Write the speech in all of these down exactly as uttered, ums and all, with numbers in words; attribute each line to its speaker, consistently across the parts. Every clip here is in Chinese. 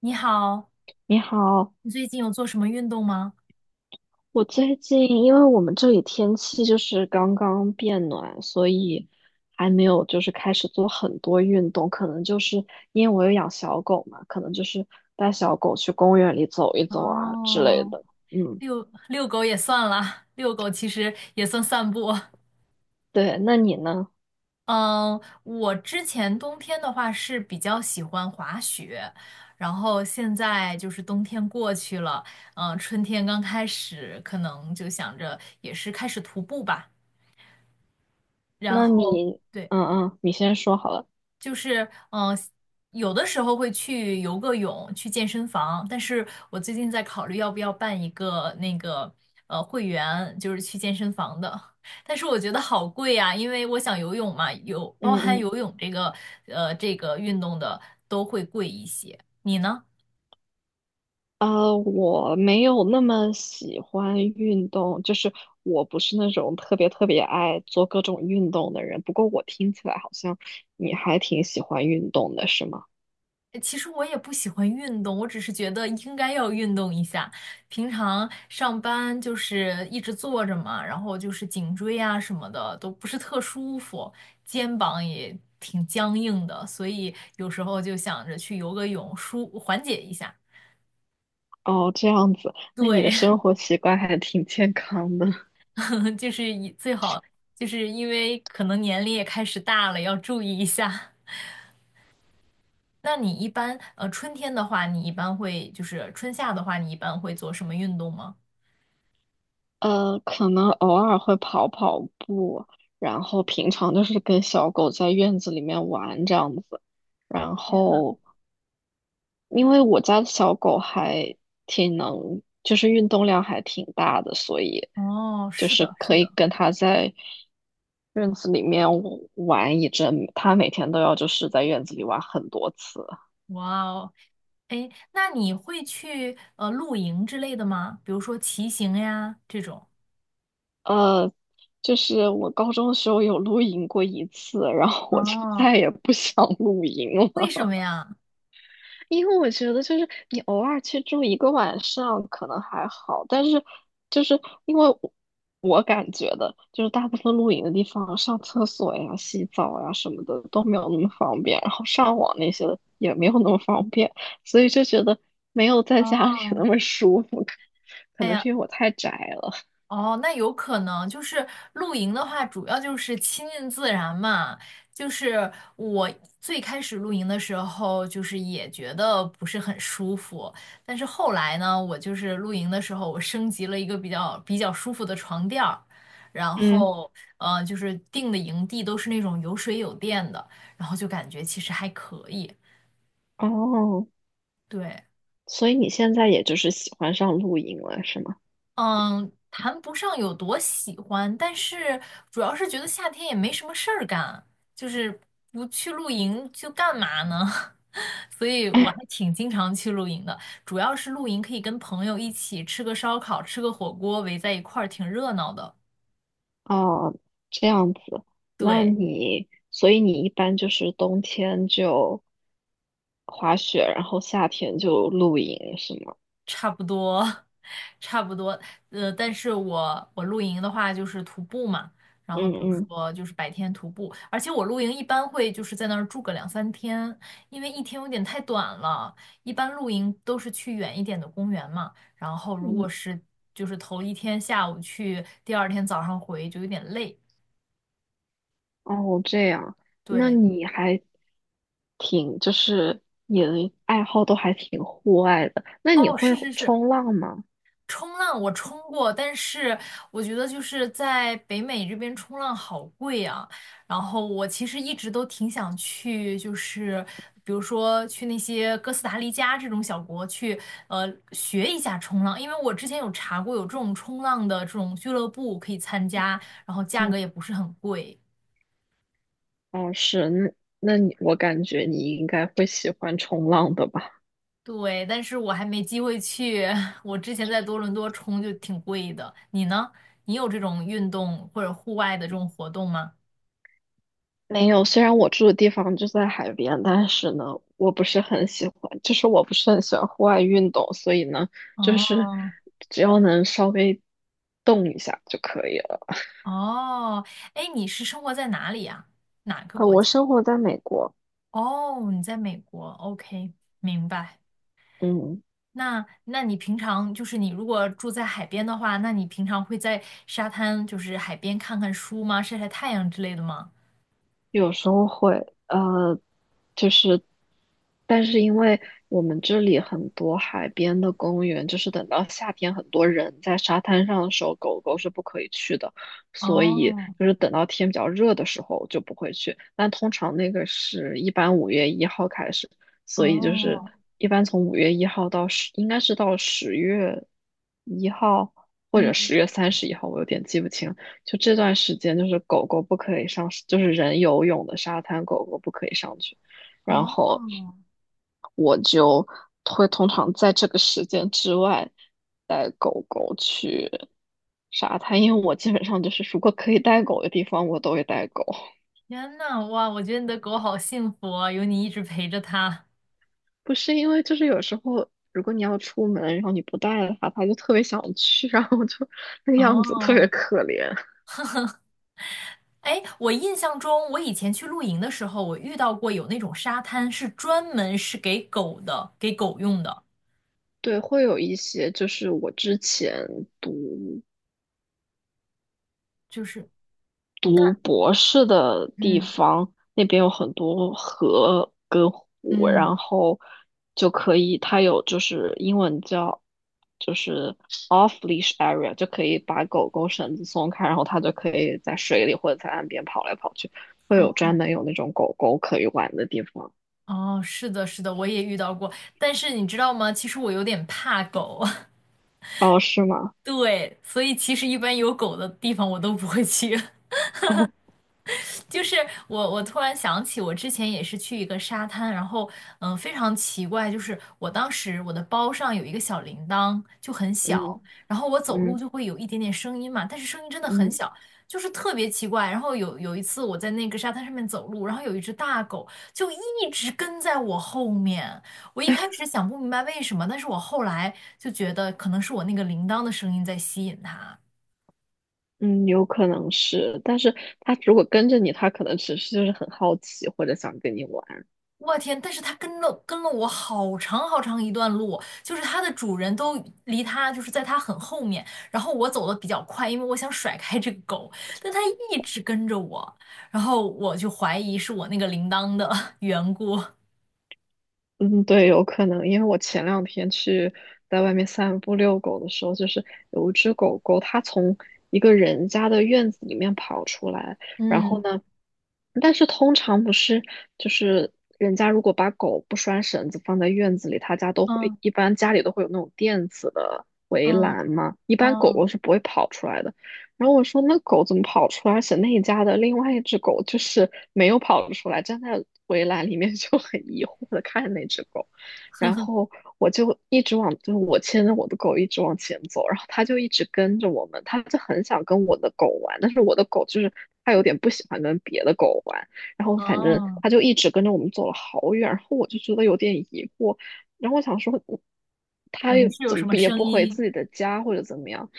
Speaker 1: 你好，
Speaker 2: 你好。
Speaker 1: 你最近有做什么运动吗？
Speaker 2: 我最近因为我们这里天气就是刚刚变暖，所以还没有就是开始做很多运动，可能就是因为我有养小狗嘛，可能就是带小狗去公园里走一走啊之类
Speaker 1: 哦，
Speaker 2: 的。嗯，
Speaker 1: 遛遛狗也算啦，遛狗其实也算散步。
Speaker 2: 对，那你呢？
Speaker 1: 嗯，我之前冬天的话是比较喜欢滑雪，然后现在就是冬天过去了，嗯，春天刚开始，可能就想着也是开始徒步吧。然
Speaker 2: 那
Speaker 1: 后，
Speaker 2: 你，
Speaker 1: 对，
Speaker 2: 嗯嗯，你先说好了。
Speaker 1: 就是嗯、呃有的时候会去游个泳，去健身房，但是我最近在考虑要不要办一个那个呃会员，就是去健身房的，但是我觉得好贵呀、因为我想游泳嘛，有包
Speaker 2: 嗯
Speaker 1: 含
Speaker 2: 嗯。
Speaker 1: 游泳这个呃这个运动的都会贵一些，你呢？
Speaker 2: 呃，我没有那么喜欢运动，就是我不是那种特别特别爱做各种运动的人。不过我听起来好像你还挺喜欢运动的，是吗？
Speaker 1: 其实我也不喜欢运动，我只是觉得应该要运动一下。平常上班就是一直坐着嘛，然后就是颈椎啊什么的都不是特舒服，肩膀也挺僵硬的，所以有时候就想着去游个泳，舒缓解一下。
Speaker 2: 哦，这样子，那你的
Speaker 1: 对，
Speaker 2: 生活习惯还挺健康的。
Speaker 1: 就是以最好就是因为可能年龄也开始大了，要注意一下。那你一般呃春天的话，你一般会就是春夏的话，你一般会做什么运动吗？
Speaker 2: 呃，可能偶尔会跑跑步，然后平常就是跟小狗在院子里面玩这样子，然后因为我家的小狗还挺能，就是运动量还挺大的，所以
Speaker 1: 哦，
Speaker 2: 就
Speaker 1: 是
Speaker 2: 是
Speaker 1: 的，是
Speaker 2: 可
Speaker 1: 的，
Speaker 2: 以跟它在院子里面玩一阵。它每天都要就是在院子里玩很多次。
Speaker 1: 哇哦，哎，那你会去呃露营之类的吗？比如说骑行呀这种。
Speaker 2: 呃，就是我高中的时候有露营过一次，然后我就
Speaker 1: 哦，
Speaker 2: 再也不想露营
Speaker 1: 为
Speaker 2: 了。
Speaker 1: 什么呀？
Speaker 2: 因为我觉得就是你偶尔去住一个晚上可能还好，但是就是因为我我感觉的，就是大部分露营的地方上厕所呀、洗澡呀什么的都没有那么方便，然后上网那些的也没有那么方便，所以就觉得没有在家里
Speaker 1: 哦，
Speaker 2: 那么舒服。可可能
Speaker 1: 呀。
Speaker 2: 是因为我太宅了。
Speaker 1: 哦，那有可能就是露营的话，主要就是亲近自然嘛。就是我最开始露营的时候，就是也觉得不是很舒服，但是后来呢，我就是露营的时候，我升级了一个比较比较舒服的床垫儿，然
Speaker 2: 嗯。
Speaker 1: 后呃，就是定的营地都是那种有水有电的，然后就感觉其实还可以。
Speaker 2: 哦，
Speaker 1: 对。
Speaker 2: 所以你现在也就是喜欢上露营了，是吗？
Speaker 1: 嗯，谈不上有多喜欢，但是主要是觉得夏天也没什么事儿干，就是不去露营就干嘛呢？所以我还挺经常去露营的，主要是露营可以跟朋友一起吃个烧烤，吃个火锅，围在一块儿挺热闹的。
Speaker 2: 哦，这样子。那
Speaker 1: 对。
Speaker 2: 你，所以你一般就是冬天就滑雪，然后夏天就露营，是吗？
Speaker 1: 差不多，差不多。呃，但是我我露营的话就是徒步嘛，然后
Speaker 2: 嗯
Speaker 1: 比如
Speaker 2: 嗯
Speaker 1: 说就是白天徒步，而且我露营一般会就是在那儿住个两三天，因为一天有点太短了。一般露营都是去远一点的公园嘛，然后如果
Speaker 2: 嗯，
Speaker 1: 是就是头一天下午去，第二天早上回就有点累。
Speaker 2: 哦，这样，那
Speaker 1: 对，
Speaker 2: 你还挺，就是你的爱好都还挺户外的，那你
Speaker 1: 哦，
Speaker 2: 会
Speaker 1: 是是是，
Speaker 2: 冲浪吗？
Speaker 1: 冲浪我冲过，但是我觉得就是在北美这边冲浪好贵啊。然后我其实一直都挺想去，就是比如说去那些哥斯达黎加这种小国去，呃，学一下冲浪，因为我之前有查过有这种冲浪的这种俱乐部可以参加，然后价
Speaker 2: 嗯，
Speaker 1: 格也不是很贵。
Speaker 2: 哦，是。那那你，我感觉你应该会喜欢冲浪的吧？
Speaker 1: 对，但是我还没机会去。我之前在多伦多冲就挺贵的。你呢？你有这种运动或者户外的这种活动吗？
Speaker 2: 没有，虽然我住的地方就在海边，但是呢，我不是很喜欢，就是我不是很喜欢户外运动，所以呢，就是
Speaker 1: 哦
Speaker 2: 只要能稍微动一下就可以了。
Speaker 1: 哦，哎，你是生活在哪里呀？哪个
Speaker 2: 呃，
Speaker 1: 国
Speaker 2: 我
Speaker 1: 家？
Speaker 2: 生活在美国。
Speaker 1: 哦，你在美国，OK，明白。
Speaker 2: 嗯，
Speaker 1: 那那你平常就是你如果住在海边的话，那你平常会在沙滩就是海边看看书吗？晒晒太阳之类的吗？
Speaker 2: 有时候会。呃，就是，但是因为我们这里很多海边的公园，就是等到夏天很多人在沙滩上的时候，狗狗是不可以去的，所以
Speaker 1: 哦
Speaker 2: 就是等到天比较热的时候就不会去。但通常那个是一般五月一号开始，所以就是
Speaker 1: 哦，
Speaker 2: 一般从五月一号到十，应该是到十月一号或者
Speaker 1: 嗯
Speaker 2: 十月三十一号，我有点记不清。就这段时间，就是狗狗不可以上，就是人游泳的沙滩，狗狗不可以上去。然后
Speaker 1: 哦，
Speaker 2: 我就会通常在这个时间之外带狗狗去沙滩，因为我基本上就是如果可以带狗的地方，我都会带狗。
Speaker 1: 天呐，哇，我觉得你的狗好幸福啊，有你一直陪着它。
Speaker 2: 不是因为就是有时候如果你要出门，然后你不带的话，它就特别想去，然后就那个样子特别
Speaker 1: 哦
Speaker 2: 可怜。
Speaker 1: 哎，我印象中，我以前去露营的时候，我遇到过有那种沙滩是专门是给狗的，给狗用的，
Speaker 2: 对，会有一些就是我之前读
Speaker 1: 就是，
Speaker 2: 读博士的地
Speaker 1: 嗯
Speaker 2: 方，那边有很多河跟湖，然
Speaker 1: 嗯，
Speaker 2: 后就可以，它有就是英文叫就是 off leash area，就可以把狗狗绳子松开，然后它就可以在水里或者在岸边跑来跑去，会有
Speaker 1: 哦
Speaker 2: 专门有那种狗狗可以玩的地方。
Speaker 1: 哦，是的，是的，我也遇到过。但是你知道吗？其实我有点怕狗，
Speaker 2: 哦，是吗？
Speaker 1: 对，所以其实一般有狗的地方我都不会去。
Speaker 2: 哦，
Speaker 1: 就是我，我突然想起，我之前也是去一个沙滩，然后嗯、呃非常奇怪，就是我当时我的包上有一个小铃铛，就很小，
Speaker 2: 嗯
Speaker 1: 然后我走路
Speaker 2: 嗯
Speaker 1: 就会有一点点声音嘛，但是声音真的很
Speaker 2: 嗯
Speaker 1: 小，就是特别奇怪。然后有有一次我在那个沙滩上面走路，然后有一只大狗就一直跟在我后面，我一开始想不明白为什么，但是我后来就觉得可能是我那个铃铛的声音在吸引它。
Speaker 2: 嗯，有可能是，但是它如果跟着你，它可能只是就是很好奇或者想跟你玩。
Speaker 1: 我天！但是它跟了跟了我好长好长一段路，就是它的主人都离它就是在它很后面，然后我走的比较快，因为我想甩开这个狗，但它一直跟着我，然后我就怀疑是我那个铃铛的 缘故。
Speaker 2: 嗯，对，有可能，因为我前两天去在外面散步遛狗的时候，就是有一只狗狗，它从一个人家的院子里面跑出来，然后
Speaker 1: 嗯
Speaker 2: 呢，但是通常不是，就是人家如果把狗不拴绳子放在院子里，他家都会，
Speaker 1: 嗯
Speaker 2: 一般家里都会有那种电子的围
Speaker 1: 嗯
Speaker 2: 栏嘛，一般狗
Speaker 1: 嗯
Speaker 2: 狗是不会跑出来的。然后我说那狗怎么跑出来？而且那一家的另外一只狗就是没有跑出来，站在围栏里面 就很疑惑的看着那只狗。然后我就一直往，就是我牵着我的狗一直往前走，然后它就一直跟着我们，它就很想跟我的狗玩，但是我的狗就是它有点不喜欢跟别的狗玩，然后反正
Speaker 1: 哦，
Speaker 2: 它就一直跟着我们走了好远，然后我就觉得有点疑惑。然后我想说，我
Speaker 1: 可
Speaker 2: 他
Speaker 1: 能
Speaker 2: 也
Speaker 1: 是有什
Speaker 2: 总
Speaker 1: 么
Speaker 2: 也
Speaker 1: 声
Speaker 2: 不回
Speaker 1: 音
Speaker 2: 自己的家或者怎么样。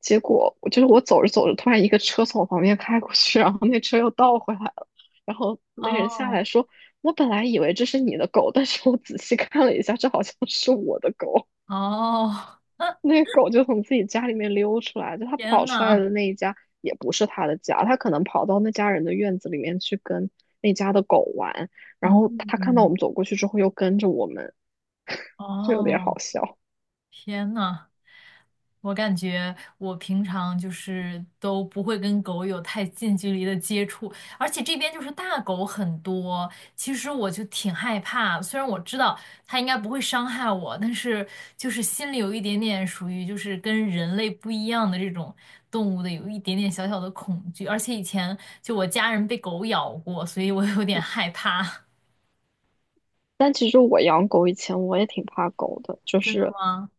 Speaker 2: 结果我就是我走着走着，突然一个车从我旁边开过去，然后那车又倒回来了。然后那个人下
Speaker 1: 哦
Speaker 2: 来说：“我本来以为这是你的狗，但是我仔细看了一下，这好像是我的狗。”
Speaker 1: 哦，
Speaker 2: 那个狗就从自己家里面溜出来，就它
Speaker 1: 天
Speaker 2: 跑出来
Speaker 1: 呐，
Speaker 2: 的那一家也不是它的家，它可能跑到那家人的院子里面去跟那家的狗玩。然后它看到我
Speaker 1: 嗯
Speaker 2: 们走过去之后，又跟着我们，
Speaker 1: 哦。
Speaker 2: 就有点
Speaker 1: 哦，
Speaker 2: 好笑。
Speaker 1: 天呐！我感觉我平常就是都不会跟狗有太近距离的接触，而且这边就是大狗很多，其实我就挺害怕。虽然我知道它应该不会伤害我，但是就是心里有一点点属于就是跟人类不一样的这种动物的有一点点小小的恐惧。而且以前就我家人被狗咬过，所以我有点害怕。
Speaker 2: 但其实我养狗以前我也挺怕狗的，就
Speaker 1: 真的
Speaker 2: 是
Speaker 1: 吗？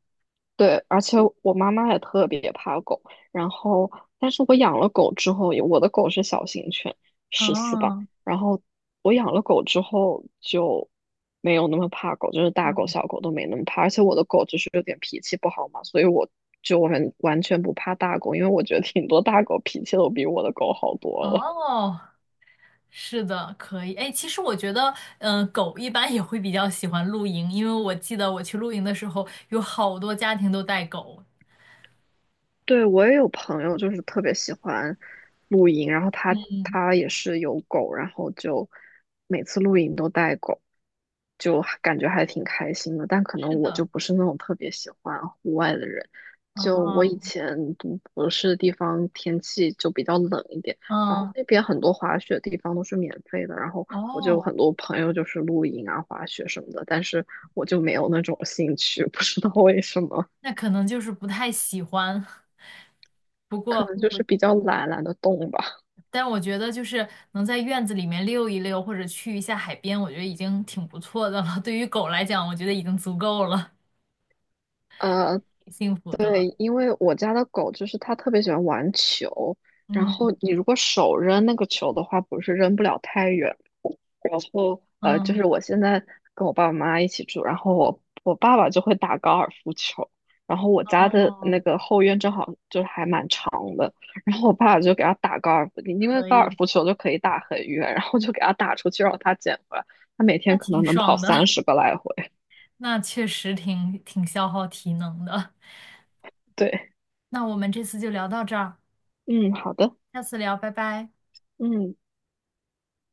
Speaker 2: 对，而且我妈妈也特别怕狗。然后，但是我养了狗之后，我的狗是小型犬，十四吧。
Speaker 1: 哦，
Speaker 2: 然后我养了狗之后就没有那么怕狗，就是大
Speaker 1: 嗯
Speaker 2: 狗小狗都没那么怕。而且我的狗就是有点脾气不好嘛，所以我就完完全不怕大狗，因为我觉得挺多大狗脾气都比我的狗好多了。
Speaker 1: 哦，是的，可以。哎，其实我觉得，嗯、狗一般也会比较喜欢露营，因为我记得我去露营的时候，有好多家庭都带狗。
Speaker 2: 对，我也有朋友就是特别喜欢露营，然后他他也是有狗，然后就每次露营都带狗，就还感觉还挺开心的。但可能
Speaker 1: 是
Speaker 2: 我
Speaker 1: 的，
Speaker 2: 就不是那种特别喜欢户外的人，就我
Speaker 1: 嗯
Speaker 2: 以前读博士的地方天气就比较冷一点，然
Speaker 1: 嗯
Speaker 2: 后
Speaker 1: 嗯，
Speaker 2: 那边很多滑雪地方都是免费的，然后我就有很
Speaker 1: 哦，
Speaker 2: 多朋友就是露营啊、滑雪什么的，但是我就没有那种兴趣，不知道为什么。
Speaker 1: 那可能就是不太喜欢。不
Speaker 2: 可
Speaker 1: 过，
Speaker 2: 能就是比较懒，懒得动吧。
Speaker 1: 但我觉得就是能在院子里面溜一溜，或者去一下海边，我觉得已经挺不错的了。对于狗来讲，我觉得已经足够了，
Speaker 2: 呃，
Speaker 1: 挺幸福的了。
Speaker 2: 对，因为我家的狗就是它特别喜欢玩球，然后
Speaker 1: 嗯
Speaker 2: 你如果手扔那个球的话，不是扔不了太远。然后呃，就
Speaker 1: 嗯
Speaker 2: 是我现在跟我爸爸妈妈一起住，然后我我爸爸就会打高尔夫球，然后我家的
Speaker 1: 哦，
Speaker 2: 那个后院正好就还蛮长的，然后我爸爸就给他打高尔夫，因为
Speaker 1: 可
Speaker 2: 高尔
Speaker 1: 以，
Speaker 2: 夫球就可以打很远，然后就给他打出去让他捡回来，他每
Speaker 1: 那
Speaker 2: 天可
Speaker 1: 挺
Speaker 2: 能能跑
Speaker 1: 爽的。
Speaker 2: 三十个来回。
Speaker 1: 那确实挺挺消耗体能的。
Speaker 2: 对，
Speaker 1: 那我们这次就聊到这儿，
Speaker 2: 嗯，好的，
Speaker 1: 下次聊，拜拜。
Speaker 2: 嗯。